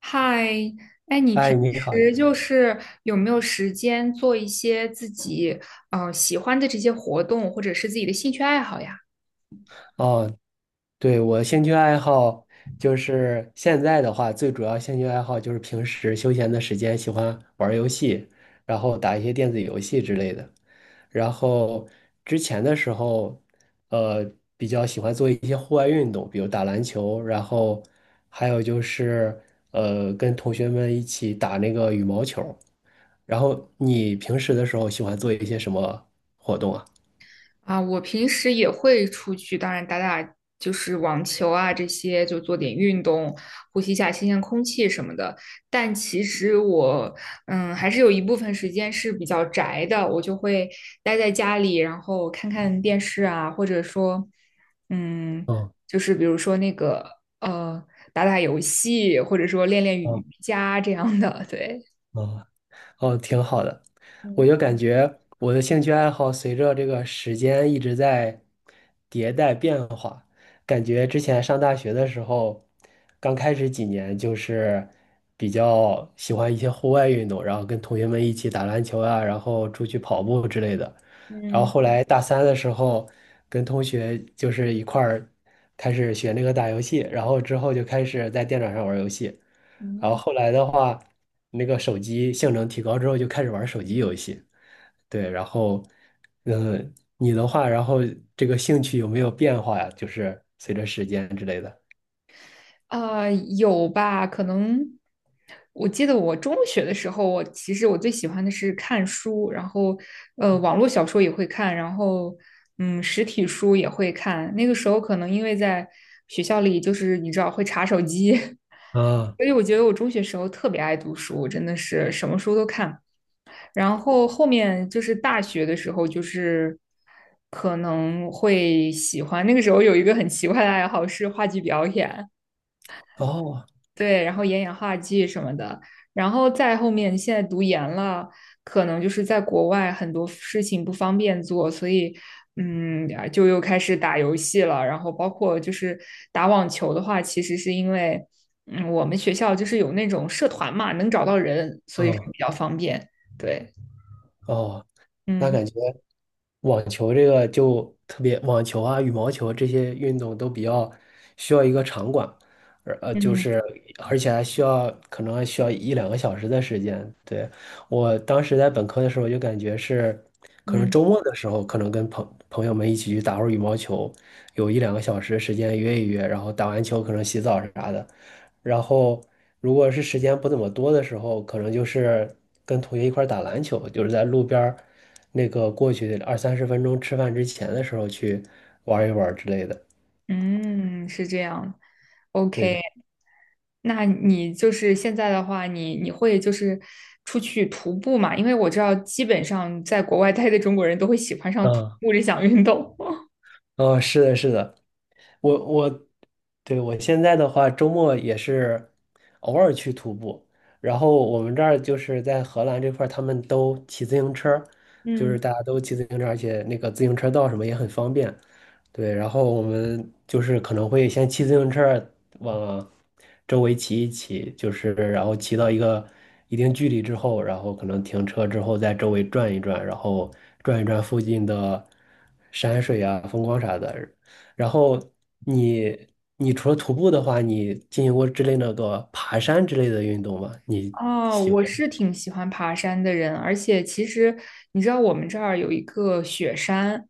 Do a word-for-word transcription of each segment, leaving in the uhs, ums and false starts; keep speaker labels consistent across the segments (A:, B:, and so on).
A: 嗨，哎，你
B: 哎，
A: 平
B: 你好，你好。
A: 时就是有没有时间做一些自己呃喜欢的这些活动，或者是自己的兴趣爱好呀？
B: 哦，对，我兴趣爱好就是现在的话，最主要兴趣爱好就是平时休闲的时间喜欢玩儿游戏，然后打一些电子游戏之类的。然后之前的时候，呃，比较喜欢做一些户外运动，比如打篮球，然后还有就是呃，跟同学们一起打那个羽毛球。然后你平时的时候喜欢做一些什么活动啊？
A: 啊，我平时也会出去，当然打打就是网球啊这些，就做点运动，呼吸一下新鲜空气什么的。但其实我，嗯，还是有一部分时间是比较宅的，我就会待在家里，然后看看电视啊，或者说，嗯，
B: 嗯
A: 就是比如说那个呃，打打游戏，或者说练练瑜
B: 嗯
A: 伽这样的，对。
B: 嗯。哦，挺好的。我
A: 嗯
B: 就感觉我的兴趣爱好随着这个时间一直在迭代变化。感觉之前上大学的时候，刚开始几年就是比较喜欢一些户外运动，然后跟同学们一起打篮球啊，然后出去跑步之类的。然后
A: 嗯
B: 后来大三的时候，跟同学就是一块儿开始学那个打游戏，然后之后就开始在电脑上玩游戏。然后
A: 嗯，
B: 后来的话，那个手机性能提高之后，就开始玩手机游戏。对，然后，呃，你的话，然后这个兴趣有没有变化呀？就是随着时间之类的。
A: 啊，有吧？可能我记得我中学的时候，我其实我最喜欢的是看书，然后呃，网络小说也会看，然后嗯，实体书也会看。那个时候可能因为在学校里，就是你知道会查手机，
B: 啊，
A: 所以我觉得我中学时候特别爱读书，真的是什么书都看。然后后面就是大学的时候，就是可能会喜欢。那个时候有一个很奇怪的爱好是话剧表演，
B: 哦，
A: 对，然后演演话剧什么的，然后再后面现在读研了，可能就是在国外很多事情不方便做，所以嗯，啊就又开始打游戏了。然后包括就是打网球的话，其实是因为嗯，我们学校就是有那种社团嘛，能找到人，所以说
B: 哦，
A: 比较方便。对，
B: 哦，那
A: 嗯
B: 感觉。网球这个就特别，网球啊、羽毛球这些运动都比较需要一个场馆，而呃，就
A: 嗯
B: 是而且还需要可能还需要一两个小时的时间。对，我当时在本科的时候就感觉是，可能
A: 嗯
B: 周末的时候可能跟朋朋友们一起去打会儿羽毛球，有一两个小时的时间约一约，然后打完球可能洗澡啥的，然后如果是时间不怎么多的时候，可能就是跟同学一块儿打篮球，就是在路边儿。那个过去二三十分钟吃饭之前的时候去玩一玩之类的。
A: 嗯，是这样。
B: 对对，
A: OK。那你就是现在的话，你你会就是出去徒步嘛？因为我知道，基本上在国外待的中国人都会喜欢上徒
B: 啊
A: 步这项运动。
B: 啊，是的，是的，我我对我现在的话，周末也是偶尔去徒步。然后我们这儿就是在荷兰这块儿他们都骑自行车，就是
A: 嗯
B: 大家都骑自行车，而且那个自行车道什么也很方便。对，然后我们就是可能会先骑自行车往周围骑一骑，就是然后骑到一个一定距离之后，然后可能停车之后在周围转一转，然后转一转附近的山水啊、风光啥的，然后你你除了徒步的话，你进行过之类那个爬山之类的运动吗？你
A: 哦，
B: 喜
A: 我
B: 欢？
A: 是挺喜欢爬山的人，而且其实你知道我们这儿有一个雪山，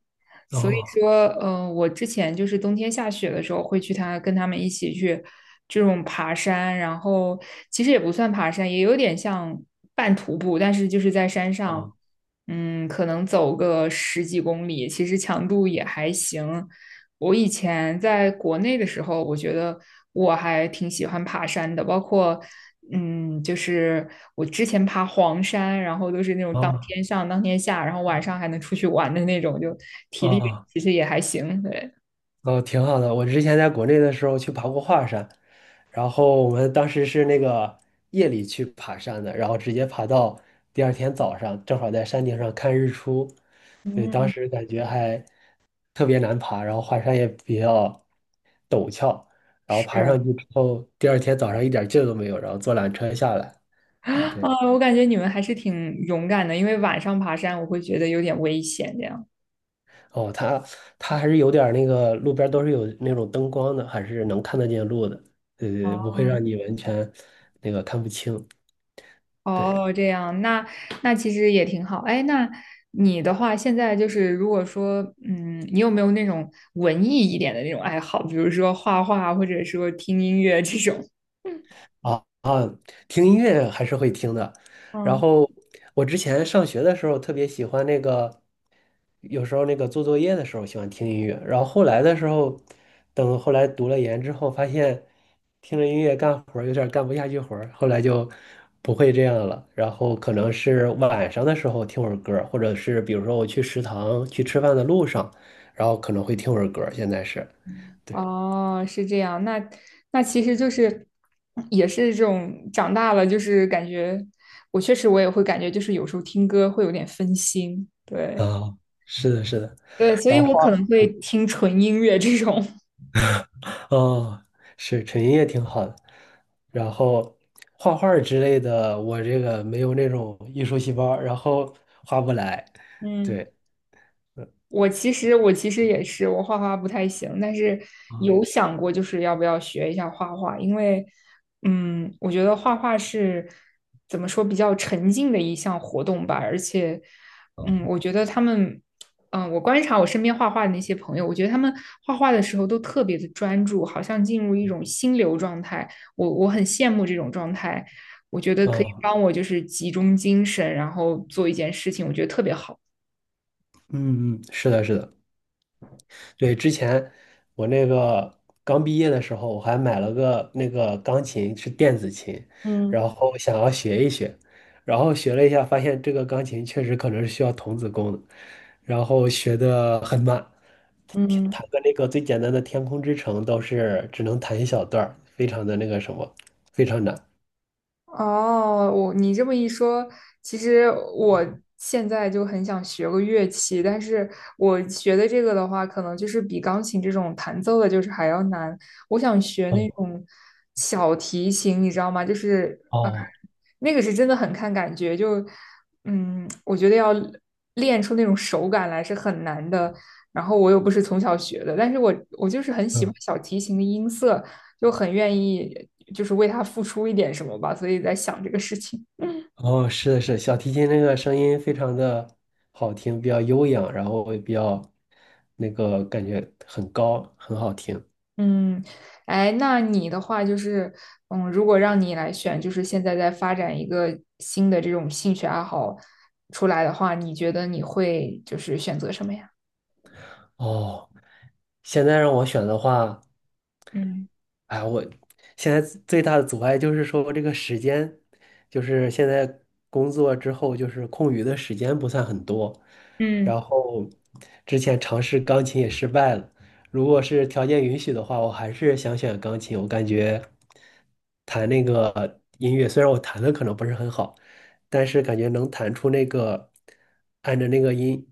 A: 所以
B: 哦
A: 说，嗯，我之前就是冬天下雪的时候会去他跟他们一起去这种爬山，然后其实也不算爬山，也有点像半徒步，但是就是在山上。
B: 哦
A: 嗯，可能走个十几公里，其实强度也还行。我以前在国内的时候，我觉得我还挺喜欢爬山的，包括嗯，就是我之前爬黄山，然后都是那种当
B: 哦
A: 天上当天下，然后晚上还能出去玩的那种，就体力
B: 哦
A: 其实也还行。对，
B: 哦，挺好的。我之前在国内的时候去爬过华山，然后我们当时是那个夜里去爬山的，然后直接爬到第二天早上，正好在山顶上看日出。对，当
A: 嗯，
B: 时感觉还特别难爬，然后华山也比较陡峭，然后爬
A: 是
B: 上去之后，第二天早上一点劲儿都没有，然后坐缆车下来。
A: 啊，
B: 对，
A: 我感觉你们还是挺勇敢的，因为晚上爬山我会觉得有点危险这样。
B: 哦，它它还是有点儿那个路边儿都是有那种灯光的，还是能看得见路的，对对，对不会
A: 哦
B: 让你完全那个看不清。对。
A: 哦，这样，那那其实也挺好。哎，那你的话，现在就是如果说，嗯，你有没有那种文艺一点的那种爱好，比如说画画，或者说听音乐这种？
B: 啊啊，听音乐还是会听的。然
A: 嗯，
B: 后我之前上学的时候特别喜欢那个，有时候那个做作业的时候喜欢听音乐。然后后来的时候，等后来读了研之后，发现听着音乐干活儿有点儿干不下去活儿，后来就不会这样了。然后可能是晚上的时候听会儿歌儿或者是比如说我去食堂去吃饭的路上，然后可能会听会儿歌儿现在是对
A: 哦，是这样。那那其实就是也是这种长大了，就是感觉我确实我也会感觉，就是有时候听歌会有点分心。对
B: 啊，是的，是的。
A: 对，所以
B: 然
A: 我可
B: 后。
A: 能会听纯音乐这种。
B: 哦，是纯音乐挺好的。然后画画儿之类的，我这个没有那种艺术细胞，然后画不来。
A: 嗯。
B: 对，
A: 我其实我其实也是，我画画不太行，但是
B: 啊，
A: 有嗯想过就是要不要学一下画画，因为嗯，我觉得画画是怎么说比较沉浸的一项活动吧，而且嗯，我觉得他们嗯，我观察我身边画画的那些朋友，我觉得他们画画的时候都特别的专注，好像进入一种心流状态，我我很羡慕这种状态，我觉得可以
B: 哦，
A: 帮我就是集中精神，然后做一件事情，我觉得特别好。
B: 嗯嗯，是的，是的。对，之前我那个刚毕业的时候，我还买了个那个钢琴，是电子琴，
A: 嗯
B: 然后想要学一学，然后学了一下，发现这个钢琴确实可能是需要童子功的，然后学的很慢，弹
A: 嗯，
B: 弹个那个最简单的《天空之城》都是只能弹一小段儿，非常的那个什么，非常难。
A: 哦，我你这么一说，其实我现在就很想学个乐器，但是我学的这个的话，可能就是比钢琴这种弹奏的，就是还要难。我想学那
B: 哦
A: 种小提琴，你知道吗？就是呃，
B: 哦，
A: 那个是真的很看感觉，就嗯，我觉得要练出那种手感来是很难的。然后我又不是从小学的，但是我我就是很喜欢小提琴的音色，就很愿意就是为他付出一点什么吧，所以在想这个事情。
B: 哦，是的，是的小提琴那个声音非常的好听，比较悠扬，然后也比较那个感觉很高，很好听。
A: 嗯，哎，那你的话就是，嗯，如果让你来选，就是现在在发展一个新的这种兴趣爱好出来的话，你觉得你会就是选择什么呀？
B: 哦，现在让我选的话。
A: 嗯
B: 哎，我现在最大的阻碍就是说这个时间，就是现在工作之后，就是空余的时间不算很多。
A: 嗯
B: 然后之前尝试钢琴也失败了，如果是条件允许的话，我还是想选钢琴。我感觉弹那个音乐，虽然我弹的可能不是很好，但是感觉能弹出那个按着那个音，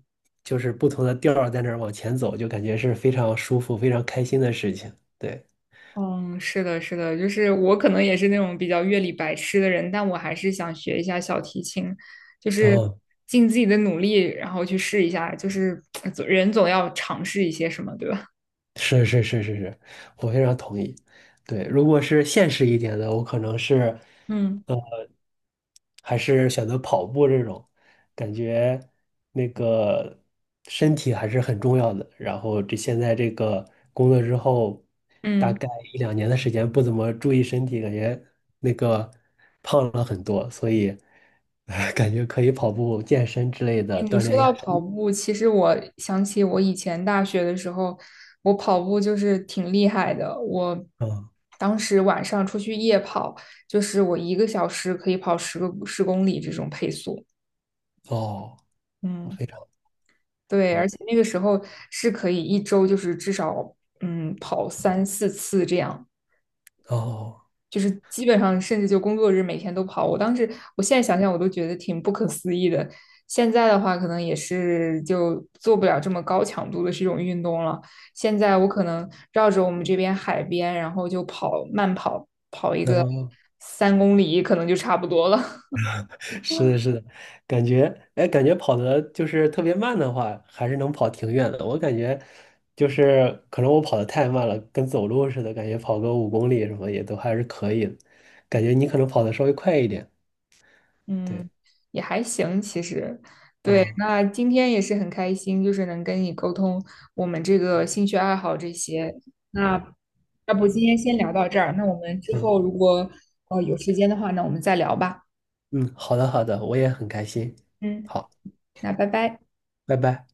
B: 就是不同的调儿在那儿往前走，就感觉是非常舒服、非常开心的事情。对。
A: 嗯，是的，是的，就是我可能也是那种比较乐理白痴的人，但我还是想学一下小提琴，就是
B: 哦，
A: 尽自己的努力，然后去试一下，就是 人总要尝试一些什么，对吧？
B: 是是是是是，我非常同意。对，如果是现实一点的，我可能是
A: 嗯。
B: 还是选择跑步这种，感觉那个身体还是很重要的。然后这现在这个工作之后，大
A: 嗯，
B: 概一两年的时间不怎么注意身体，感觉那个胖了很多，所以 呃感觉可以跑步、健身之类
A: 哎
B: 的
A: 你
B: 锻
A: 说
B: 炼一
A: 到
B: 下身
A: 跑
B: 体。
A: 步，其实我想起我以前大学的时候，我跑步就是挺厉害的。我
B: 嗯，
A: 当时晚上出去夜跑，就是我一个小时可以跑十个十公里这种配速。
B: 哦，我
A: 嗯，
B: 非常
A: 对，而
B: 对，
A: 且那个时候是可以一周就是至少嗯跑三四次这样。
B: 哦，
A: 就是基本上甚至就工作日每天都跑。我当时，我现在想想我都觉得挺不可思议的。现在的话，可能也是就做不了这么高强度的这种运动了。现在我可能绕着我们这边海边，然后就跑慢跑一个
B: 那。
A: 三公里，可能就差不多了。
B: 是的，是的，感觉，哎，感觉跑的就是特别慢的话，还是能跑挺远的。我感觉就是可能我跑的太慢了，跟走路似的，感觉跑个五公里什么也都还是可以的。感觉你可能跑的稍微快一点。对，
A: 嗯，也还行，其实。对，
B: 啊，
A: 那今天也是很开心，就是能跟你沟通我们这个兴趣爱好这些。那要不今天先聊到这儿，那我们之
B: 嗯
A: 后如果呃有时间的话，那我们再聊吧。
B: 嗯，好的好的，我也很开心。
A: 嗯，
B: 好，
A: 那拜拜。
B: 拜拜。